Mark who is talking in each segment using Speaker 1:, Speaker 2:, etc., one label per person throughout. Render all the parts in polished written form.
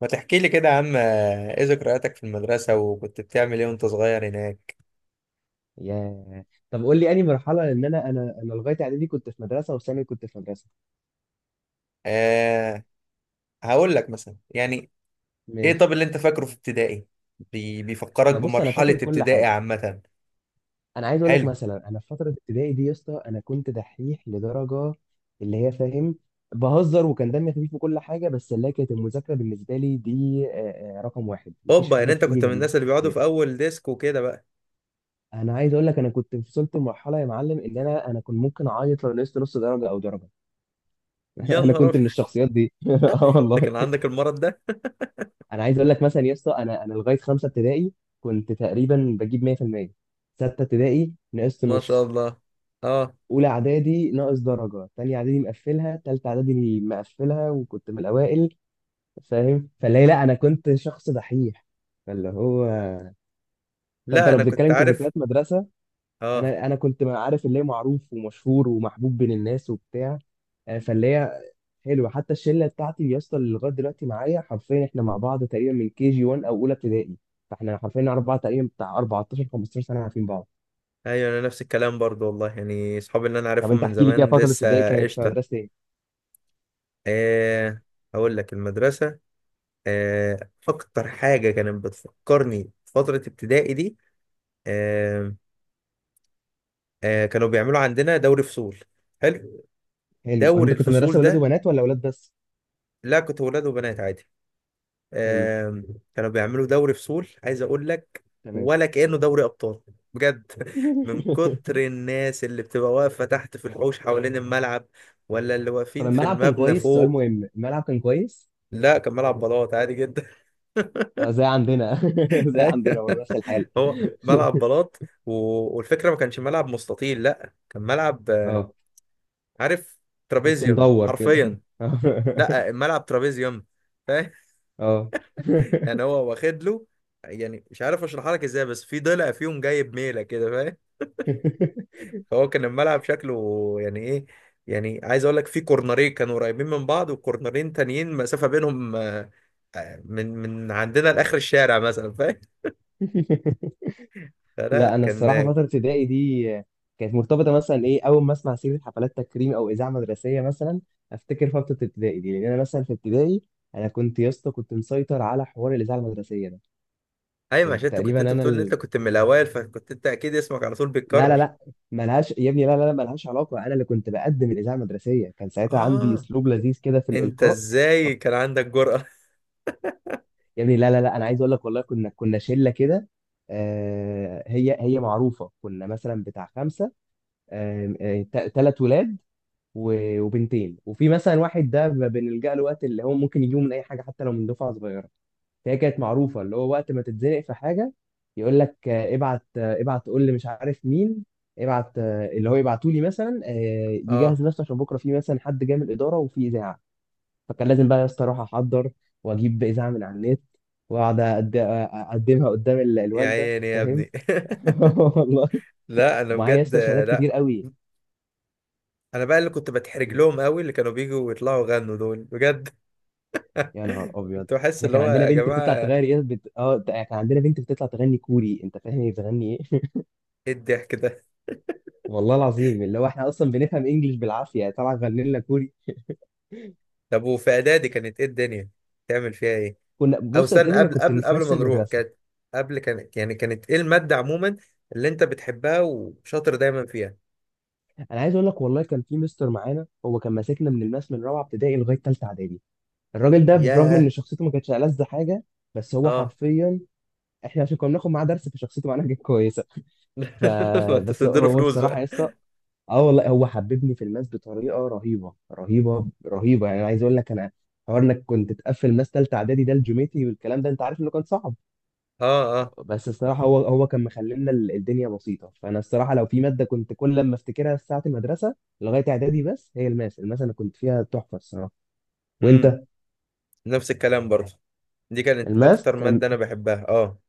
Speaker 1: ما تحكي لي كده يا عم ايه ذكرياتك في المدرسة وكنت بتعمل ايه وانت صغير هناك؟
Speaker 2: ياه. طب قول لي انهي مرحله، لان انا لغايه اعدادي كنت في مدرسه وثانوي كنت في مدرسه.
Speaker 1: أه، هقول لك مثلا يعني ايه.
Speaker 2: ماشي.
Speaker 1: طب اللي انت فاكره في ابتدائي، بيفكرك
Speaker 2: ما بص، انا
Speaker 1: بمرحلة
Speaker 2: فاكر كل
Speaker 1: ابتدائي
Speaker 2: حاجه.
Speaker 1: عامة؟
Speaker 2: انا عايز اقول لك
Speaker 1: حلو.
Speaker 2: مثلا، انا في فتره ابتدائي دي يا اسطى انا كنت دحيح لدرجه اللي هي فاهم، بهزر وكان دمي خفيف وكل حاجه، بس اللي هي كانت المذاكره بالنسبه لي دي رقم واحد، مفيش
Speaker 1: اوبا، يعني
Speaker 2: حاجه
Speaker 1: انت
Speaker 2: بتيجي
Speaker 1: كنت من
Speaker 2: جنبها.
Speaker 1: الناس اللي بيقعدوا في اول ديسك وكده بقى؟
Speaker 2: انا عايز اقول لك انا كنت وصلت لمرحله يا معلم ان انا كنت ممكن اعيط لو نقصت نص درجه او درجه.
Speaker 1: يا
Speaker 2: انا
Speaker 1: نهار
Speaker 2: كنت
Speaker 1: ابيض.
Speaker 2: من الشخصيات دي. اه
Speaker 1: انت
Speaker 2: والله.
Speaker 1: كان عندك المرض ده؟
Speaker 2: انا عايز اقول لك مثلا يا اسطى، انا لغايه خمسه ابتدائي كنت تقريبا بجيب 100%. سته ابتدائي نقصت
Speaker 1: ما شاء
Speaker 2: نص.
Speaker 1: الله. اه،
Speaker 2: اولى اعدادي ناقص درجه، تانية اعدادي مقفلها، تالتة اعدادي مقفلها، وكنت من الاوائل. فاهم؟ فاللي هي لا، انا كنت شخص دحيح. فاللي هو، فانت
Speaker 1: لا
Speaker 2: لو
Speaker 1: انا كنت
Speaker 2: بتتكلم
Speaker 1: عارف.
Speaker 2: كذكريات مدرسه،
Speaker 1: اه،
Speaker 2: انا كنت، ما عارف، اللي هي معروف ومشهور ومحبوب بين الناس وبتاع. فاللي هي حلوه. حتى الشله بتاعتي يا اسطى اللي لغايه دلوقتي معايا، حرفيا احنا مع بعض تقريبا من كي جي 1 او اولى ابتدائي. فاحنا حرفيا نعرف بعض تقريبا بتاع 14 15 سنه عارفين بعض.
Speaker 1: ايوه انا نفس الكلام برضو والله، يعني اصحابي اللي انا
Speaker 2: طب
Speaker 1: عارفهم
Speaker 2: انت
Speaker 1: من
Speaker 2: احكي لي كده،
Speaker 1: زمان
Speaker 2: فتره ابتدائي
Speaker 1: لسه
Speaker 2: كانت في
Speaker 1: قشطة.
Speaker 2: مدرسه ايه؟
Speaker 1: أه، هقول لك المدرسة. آه، اكتر حاجه كانت بتفكرني بفتره ابتدائي دي، آه، آه، كانوا بيعملوا عندنا دوري فصول. حلو،
Speaker 2: حلو.
Speaker 1: دوري
Speaker 2: انت كنت مدرسه
Speaker 1: الفصول
Speaker 2: ولاد
Speaker 1: ده؟
Speaker 2: وبنات ولا ولاد بس؟
Speaker 1: لا كنت ولاد وبنات عادي.
Speaker 2: حلو.
Speaker 1: آه، كانوا بيعملوا دوري فصول عايز اقول لك،
Speaker 2: تمام.
Speaker 1: ولا كانه دوري ابطال. بجد، من كتر الناس اللي بتبقى واقفه تحت في الحوش حوالين الملعب، ولا اللي
Speaker 2: طب
Speaker 1: واقفين في
Speaker 2: الملعب كان
Speaker 1: المبنى
Speaker 2: كويس؟ سؤال
Speaker 1: فوق.
Speaker 2: مهم، الملعب كان كويس؟
Speaker 1: لا كان ملعب بلاط عادي جدا.
Speaker 2: زي عندنا. زي عندنا
Speaker 1: ايوه
Speaker 2: برضه، نفس الحال.
Speaker 1: هو ملعب بلاط. والفكره ما كانش ملعب مستطيل، لا كان ملعب
Speaker 2: اه،
Speaker 1: عارف،
Speaker 2: تحسه
Speaker 1: ترابيزيوم
Speaker 2: مدور كده.
Speaker 1: حرفيا. لا الملعب ترابيزيوم، فاهم؟
Speaker 2: اه.
Speaker 1: يعني هو واخد له، يعني مش عارف اشرحها لك ازاي، بس في ضلع فيهم جايب ميله كده فاهم. فهو كان الملعب شكله يعني ايه، يعني عايز اقول لك في كورنرين كانوا قريبين من بعض، وكورنرين تانيين مسافه بينهم، من عندنا لاخر الشارع مثلا فاهم.
Speaker 2: لا،
Speaker 1: فلا
Speaker 2: انا
Speaker 1: كان.
Speaker 2: الصراحه فتره ابتدائي دي كانت مرتبطه مثلا، ايه، اول ما اسمع سيره حفلات تكريم او اذاعه مدرسيه مثلا افتكر فتره ابتدائي دي، لان انا مثلا في ابتدائي انا كنت يا اسطى كنت مسيطر على حوار الاذاعه المدرسيه ده.
Speaker 1: ايوه
Speaker 2: كنت
Speaker 1: عشان انت كنت،
Speaker 2: تقريبا انا
Speaker 1: بتقول ان انت
Speaker 2: ال...
Speaker 1: كنت من الاوائل، فكنت انت اكيد اسمك على طول
Speaker 2: لا لا
Speaker 1: بيتكرر.
Speaker 2: لا ملهاش، يا ابني لا ملهاش علاقه. انا اللي كنت بقدم الاذاعه المدرسيه، كان ساعتها عندي
Speaker 1: اه،
Speaker 2: اسلوب لذيذ كده في
Speaker 1: انت
Speaker 2: الالقاء.
Speaker 1: ازاي كان عندك جرأة؟
Speaker 2: يا ابني لا، انا عايز اقول لك والله كنا شله كده، آه، هي معروفه. كنا مثلا بتاع خمسه، ثلاث ولاد وبنتين، وفي مثلا واحد ده بنلجأ له وقت اللي هو ممكن يجيبه من اي حاجه حتى لو من دفعه صغيره. فهي كانت معروفه اللي هو وقت ما تتزنق في حاجه، يقول لك ابعت، ابعت قول لي مش عارف مين، ابعت، اللي هو يبعتوا لي مثلا،
Speaker 1: اه،
Speaker 2: يجهز نفسه عشان بكره في مثلا حد جاي من الاداره وفي اذاعه. فكان لازم بقى يا اسطى اروح احضر واجيب اذاعه من على النت واقعد اقدمها قدام
Speaker 1: يا
Speaker 2: الوالده.
Speaker 1: عيني يا
Speaker 2: فاهم؟
Speaker 1: ابني.
Speaker 2: والله.
Speaker 1: لا انا
Speaker 2: ومعايا يا
Speaker 1: بجد،
Speaker 2: اسطى شهادات
Speaker 1: لا.
Speaker 2: كتير قوي.
Speaker 1: انا بقى اللي كنت بتحرج لهم قوي، اللي كانوا بيجوا ويطلعوا يغنوا دول بجد.
Speaker 2: يا نهار ابيض،
Speaker 1: كنت بحس
Speaker 2: احنا
Speaker 1: اللي
Speaker 2: كان
Speaker 1: هو
Speaker 2: عندنا
Speaker 1: يا
Speaker 2: بنت بتطلع
Speaker 1: جماعة،
Speaker 2: تغني يا بت... اه كان عندنا بنت بتطلع تغني كوري. انت فاهم هي بتغني ايه؟
Speaker 1: ايه الضحك ده؟
Speaker 2: والله العظيم اللي هو احنا اصلا بنفهم انجلش بالعافيه، طلع غني لنا كوري.
Speaker 1: طب وفي اعدادي كانت ايه الدنيا، تعمل فيها ايه؟
Speaker 2: كنا،
Speaker 1: او
Speaker 2: بص يا
Speaker 1: استنى،
Speaker 2: ابتدي، انا
Speaker 1: قبل
Speaker 2: كنت
Speaker 1: قبل
Speaker 2: في
Speaker 1: قبل
Speaker 2: نفس
Speaker 1: ما نروح،
Speaker 2: المدرسه.
Speaker 1: كانت قبل، كانت يعني كانت ايه المادة عموما اللي انت بتحبها وشاطر دايما فيها؟
Speaker 2: انا عايز اقول لك والله كان في مستر معانا، هو كان ماسكنا من الماس من رابعه ابتدائي لغايه ثالثه اعدادي. الراجل ده برغم ان
Speaker 1: ياه.
Speaker 2: شخصيته ما كانتش ألذ حاجه، بس هو
Speaker 1: اه.
Speaker 2: حرفيا، احنا عشان كنا بناخد معاه درس فشخصيته معناها كانت كويسه.
Speaker 1: ما انت
Speaker 2: فبس
Speaker 1: تديله
Speaker 2: هو
Speaker 1: فلوس
Speaker 2: الصراحه يا
Speaker 1: بقى.
Speaker 2: اسطى، اه والله، حببني في الماس بطريقه رهيبه رهيبه رهيبه. يعني عايز اقول لك انا، حوار انك كنت تقفل ماس ثالثه اعدادي ده، الجيومتري والكلام ده انت عارف انه كان صعب،
Speaker 1: اه اه.
Speaker 2: بس الصراحه هو كان مخلينا الدنيا بسيطه. فانا الصراحه لو في ماده كنت كل لما افتكرها في ساعه المدرسه لغايه اعدادي، بس هي الماس. الماس انا كنت فيها تحفه الصراحه.
Speaker 1: امم،
Speaker 2: وانت؟
Speaker 1: نفس الكلام برضه، دي كانت
Speaker 2: الماس
Speaker 1: اكتر
Speaker 2: كان،
Speaker 1: مادة انا بحبها. اه,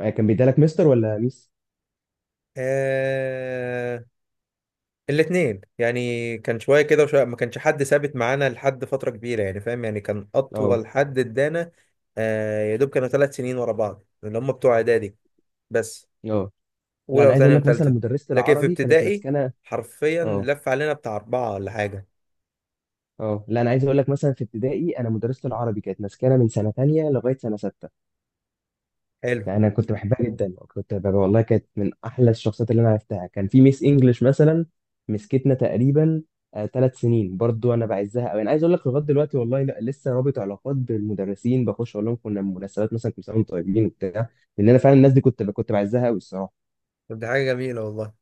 Speaker 2: كان بيدالك مستر ولا ميس؟
Speaker 1: آه. الاتنين يعني، كان شوية كده وشوية، ما كانش حد ثابت معانا لحد فترة كبيرة يعني فاهم، يعني كان
Speaker 2: اه
Speaker 1: اطول حد ادانا يا دوب كانوا ثلاث سنين ورا بعض، اللي هم بتوع اعدادي بس،
Speaker 2: اه. لا،
Speaker 1: اولى
Speaker 2: انا عايز اقول
Speaker 1: وثانيه
Speaker 2: لك مثلا
Speaker 1: وثالثه.
Speaker 2: مدرسه
Speaker 1: لكن في
Speaker 2: العربي كانت
Speaker 1: ابتدائي
Speaker 2: مسكنه.
Speaker 1: حرفيا
Speaker 2: اه
Speaker 1: لف علينا بتاع اربعة ولا حاجة.
Speaker 2: اه. لا، انا عايز اقول لك مثلا في ابتدائي انا مدرسه العربي كانت مسكنه من سنه تانية لغايه سنه سته.
Speaker 1: حلو.
Speaker 2: انا كنت بحبها جدا، كنت ببقى والله كانت من احلى الشخصيات اللي انا عرفتها. كان في ميس انجلش مثلا مسكتنا تقريبا ثلاث سنين برضو، انا بعزها قوي. انا عايز اقول لك لغايه دلوقتي والله لا لسه رابط علاقات بالمدرسين، بخش اقول لهم كنا مناسبات مثلا، كنا طيبين وبتاع. لان انا فعلا الناس دي كنت بعزها قوي الصراحه.
Speaker 1: طب دي حاجة جميلة والله.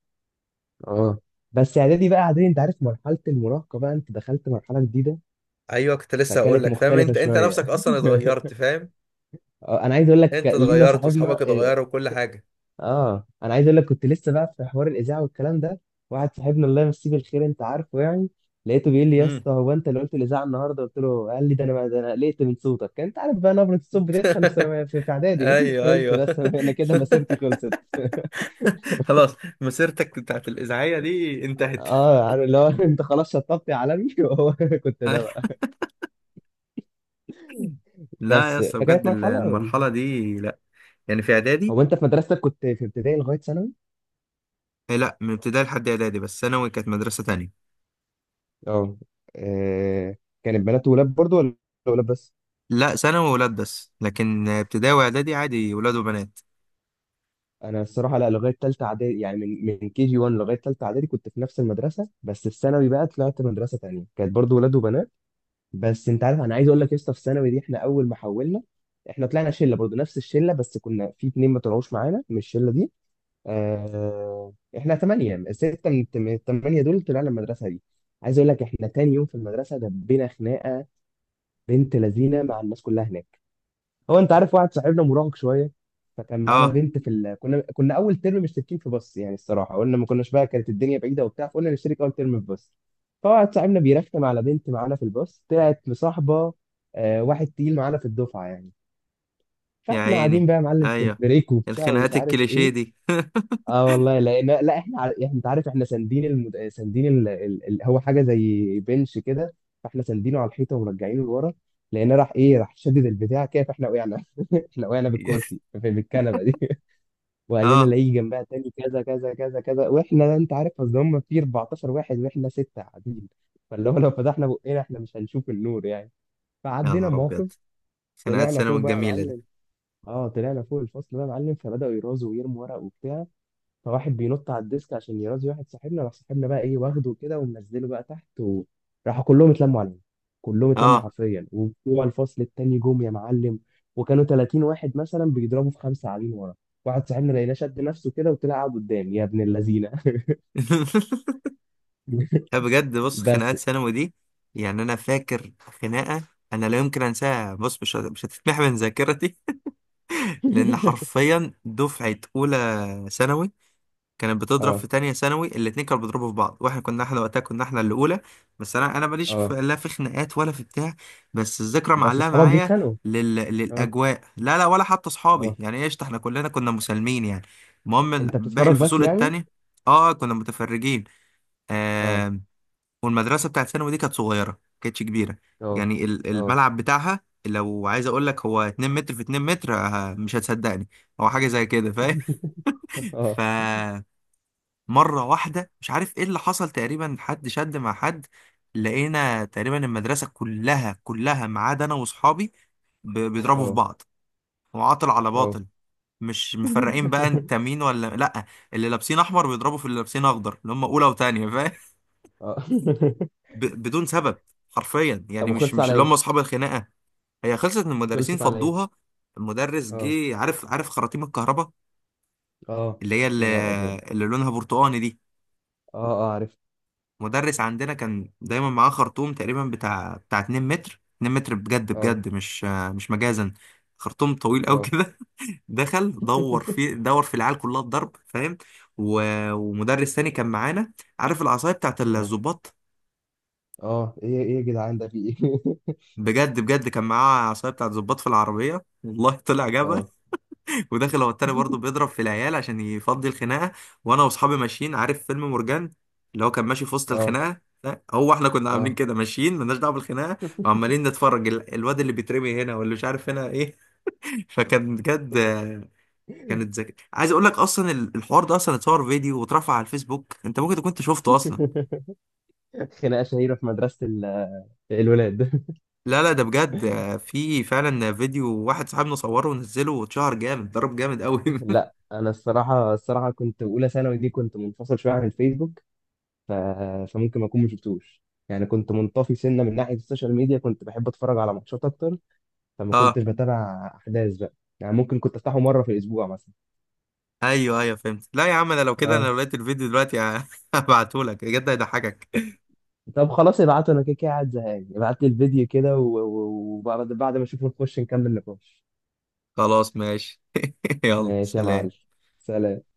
Speaker 2: اه. بس اعدادي بقى، اعدادي انت عارف مرحله المراهقه بقى، انت دخلت مرحله جديده،
Speaker 1: ايوه كنت لسه هقول
Speaker 2: فكانت
Speaker 1: لك، فاهم،
Speaker 2: مختلفه
Speaker 1: انت انت
Speaker 2: شويه.
Speaker 1: نفسك اصلا اتغيرت فاهم.
Speaker 2: انا عايز اقول لك
Speaker 1: انت
Speaker 2: لينا
Speaker 1: اتغيرت
Speaker 2: صاحبنا،
Speaker 1: واصحابك
Speaker 2: اه،
Speaker 1: اتغيروا وكل حاجه.
Speaker 2: انا عايز اقول لك كنت لسه بقى في حوار الاذاعه والكلام ده. واحد صاحبنا الله يمسيه بالخير، انت عارفه يعني، لقيته بيقول لي يا
Speaker 1: امم.
Speaker 2: اسطى هو انت اللي قلت الاذاعه النهارده؟ قلت له، قال لي ده انا، ده انا قلقت من صوتك. انت عارف بقى نبره الصوت بتدخل في ثانوي، في اعدادي.
Speaker 1: ايوه
Speaker 2: قلت
Speaker 1: ايوه.
Speaker 2: بس انا، أنا كده مسيرتي خلصت.
Speaker 1: خلاص مسيرتك بتاعت الاذاعيه دي انتهت.
Speaker 2: اه عارف اللي هو، انت خلاص شطبت يا عالمي. وهو كنت ده بقى.
Speaker 1: لا يا
Speaker 2: بس
Speaker 1: اسطى بجد،
Speaker 2: فكانت مرحله.
Speaker 1: المرحله دي لا. يعني في اعدادي،
Speaker 2: هو انت في مدرستك كنت في ابتدائي لغايه ثانوي؟
Speaker 1: إيه. لا من ابتدائي لحد اعدادي، بس ثانوي كانت مدرسه تانية.
Speaker 2: اه. آه، كانت بنات وولاد برضو ولا ولاد بس؟
Speaker 1: لا ثانوي ولاد بس، لكن ابتدائي واعدادي عادي ولاد وبنات.
Speaker 2: انا الصراحه لا، لغايه ثالثه اعدادي يعني من كي جي 1 لغايه ثالثه اعدادي كنت في نفس المدرسه، بس في ثانوي بقى طلعت مدرسه تانية كانت برضو ولاد وبنات. بس انت عارف، انا عايز اقول لك يا اسطى، في ثانوي دي احنا اول ما حولنا، احنا طلعنا شله برضو نفس الشله، بس كنا في اتنين ما طلعوش معانا من الشله دي. آه، احنا ثمانيه، سته من الثمانيه دول طلعنا المدرسه دي. عايز اقول لك احنا تاني يوم في المدرسه دبينا خناقه. بنت لذينه مع الناس كلها هناك. هو انت عارف واحد صاحبنا مراهق شويه، فكان معانا
Speaker 1: اه.
Speaker 2: بنت في ال... كنا اول ترم مشتركين في باص، يعني الصراحه قلنا ما كناش بقى، كانت الدنيا بعيده وبتاع، فقلنا نشترك اول ترم في باص. فواحد صاحبنا بيرخم على بنت معانا في الباص طلعت مصاحبه آه واحد تقيل معانا في الدفعه يعني.
Speaker 1: يا
Speaker 2: فاحنا
Speaker 1: عيني.
Speaker 2: قاعدين بقى يا معلم في
Speaker 1: ايوه،
Speaker 2: البريك وبتاع ومش
Speaker 1: الخناقات
Speaker 2: عارف
Speaker 1: الكليشيه
Speaker 2: ايه.
Speaker 1: دي.
Speaker 2: اه والله لقينا، لا احنا احنا انت عارف احنا ساندين المد... ساندين ال... ال... ال... هو حاجه زي بنش كده، فاحنا ساندينه على الحيطه ومرجعينه لورا، لقينا راح ايه، راح شدد البتاع كده فاحنا وقعنا. احنا وقعنا بالكرسي في بالكنبه دي. وقال لنا
Speaker 1: اه.
Speaker 2: لاقيه جنبها تاني كذا كذا كذا كذا. واحنا انت عارف اصل هم في 14 واحد واحنا سته قاعدين، فاللي هو لو فتحنا بقنا احنا مش هنشوف النور يعني.
Speaker 1: يا
Speaker 2: فعدينا
Speaker 1: نهار ابيض.
Speaker 2: موقف،
Speaker 1: خناقات
Speaker 2: طلعنا
Speaker 1: ثانوي
Speaker 2: فوق بقى يا
Speaker 1: الجميله دي.
Speaker 2: معلم. اه، طلعنا فوق الفصل بقى يا معلم، فبداوا يرازوا ويرموا ورق وبتاع. فواحد بينط على الديسك عشان يرازي واحد صاحبنا، راح صاحبنا بقى ايه واخده كده ومنزله بقى تحت، وراحوا كلهم اتلموا عليه. كلهم اتلموا
Speaker 1: اه.
Speaker 2: حرفيا، وبتوع الفصل التاني جم يا معلم. وكانوا 30 واحد مثلا بيضربوا في خمسه قاعدين ورا. واحد صاحبنا لقيناه شد نفسه كده وطلع قاعد قدام يا ابن اللذينه.
Speaker 1: لا بجد بص،
Speaker 2: بس.
Speaker 1: خناقات ثانوي دي، يعني انا فاكر خناقه انا لا يمكن انساها، بص مش مش هتتمح من ذاكرتي. لان حرفيا دفعه اولى ثانوي كانت بتضرب في
Speaker 2: اه
Speaker 1: تانية ثانوي، الاتنين كانوا بيضربوا في بعض، واحنا كنا، احنا وقتها كنا احنا اللي اولى. بس انا ماليش في
Speaker 2: اه.
Speaker 1: لا في خناقات ولا في بتاع، بس الذكرى
Speaker 2: بس
Speaker 1: معلقه
Speaker 2: اصحابك
Speaker 1: معايا
Speaker 2: بيتخانقوا. اه
Speaker 1: للاجواء. لا لا، ولا حتى اصحابي
Speaker 2: اه.
Speaker 1: يعني، ايش احنا كلنا كنا مسالمين يعني. المهم
Speaker 2: انت
Speaker 1: باقي
Speaker 2: بتتفرج بس
Speaker 1: الفصول
Speaker 2: يعني.
Speaker 1: التانية. اه كنا متفرجين.
Speaker 2: اه
Speaker 1: والمدرسه بتاعت ثانوي دي كانت صغيره ما كانتش كبيره،
Speaker 2: اه
Speaker 1: يعني
Speaker 2: اه.
Speaker 1: الملعب بتاعها لو عايز اقول لك هو 2 متر في 2 متر، مش هتصدقني، هو حاجه زي كده فاهم.
Speaker 2: اه
Speaker 1: فمره واحده مش عارف ايه اللي حصل، تقريبا حد شد مع حد، لقينا تقريبا المدرسه كلها كلها ما عدا انا واصحابي بيضربوا في
Speaker 2: اه
Speaker 1: بعض، وعاطل على
Speaker 2: اه.
Speaker 1: باطل، مش مفرقين بقى انت مين ولا لا. اللي لابسين احمر بيضربوا في اللي لابسين اخضر، اللي هم اولى وتانية،
Speaker 2: اه.
Speaker 1: بدون سبب، حرفيا
Speaker 2: طب
Speaker 1: يعني مش
Speaker 2: وخلص
Speaker 1: مش
Speaker 2: على
Speaker 1: اللي هم
Speaker 2: ايه؟
Speaker 1: اصحاب الخناقه. هي خلصت ان المدرسين
Speaker 2: خلصت على ايه؟
Speaker 1: فضوها. المدرس
Speaker 2: اه
Speaker 1: جه، عارف خراطيم الكهرباء
Speaker 2: اه.
Speaker 1: اللي هي
Speaker 2: يا نهار ابيض.
Speaker 1: اللي لونها برتقاني دي.
Speaker 2: اه اه عرفت.
Speaker 1: مدرس عندنا كان دايما معاه خرطوم تقريبا بتاع 2 متر 2 متر بجد
Speaker 2: اه
Speaker 1: بجد، مش مجازا، خرطوم طويل قوي
Speaker 2: اه
Speaker 1: كده. دخل دور في دور في العيال كلها الضرب فاهم. و... ومدرس تاني كان معانا، عارف العصايه بتاعت
Speaker 2: اه
Speaker 1: الظباط؟
Speaker 2: اه. ايه ايه يا جدعان، ده في ايه؟
Speaker 1: بجد بجد، كان معاه عصايه بتاعت ظباط في العربيه، والله طلع جاب،
Speaker 2: اه
Speaker 1: وداخل هو التاني برضه بيضرب في العيال عشان يفضي الخناقه. وانا واصحابي ماشيين، عارف فيلم مورجان اللي هو كان ماشي في وسط
Speaker 2: اه
Speaker 1: الخناقه؟ لا هو احنا كنا عاملين
Speaker 2: اه.
Speaker 1: كده ماشيين مالناش دعوه بالخناقه، وعمالين نتفرج، الواد اللي بيترمي هنا واللي مش عارف هنا ايه. فكان بجد كانت ذكي عايز اقول لك. اصلا الحوار ده اصلا اتصور فيديو واترفع على الفيسبوك، انت ممكن تكون انت شفته اصلا.
Speaker 2: خناقه شهيره في مدرسه الولاد.
Speaker 1: لا لا، ده بجد في فعلا فيديو، واحد صاحبنا صوره ونزله واتشهر جامد، ضرب جامد قوي.
Speaker 2: لا انا الصراحه، الصراحه كنت اولى ثانوي دي كنت منفصل شويه عن الفيسبوك، ف... فممكن ما اكون ما شفتوش. يعني كنت منطفي سنه من ناحيه السوشيال ميديا، كنت بحب اتفرج على ماتشات اكتر، فما
Speaker 1: اه
Speaker 2: كنتش بتابع احداث بقى. يعني ممكن كنت افتحه مره في الاسبوع مثلا.
Speaker 1: ايوه ايوه فهمت. لا يا عم انا لو كده، انا
Speaker 2: اه.
Speaker 1: لو لقيت الفيديو دلوقتي هبعته لك بجد هيضحكك.
Speaker 2: طب خلاص ابعته، انا كده كده قاعد زهقان، ابعت لي الفيديو كده وبعد ما اشوفه نخش نكمل نقاش.
Speaker 1: خلاص ماشي. يلا
Speaker 2: ماشي يا معلم.
Speaker 1: سلام.
Speaker 2: سلام.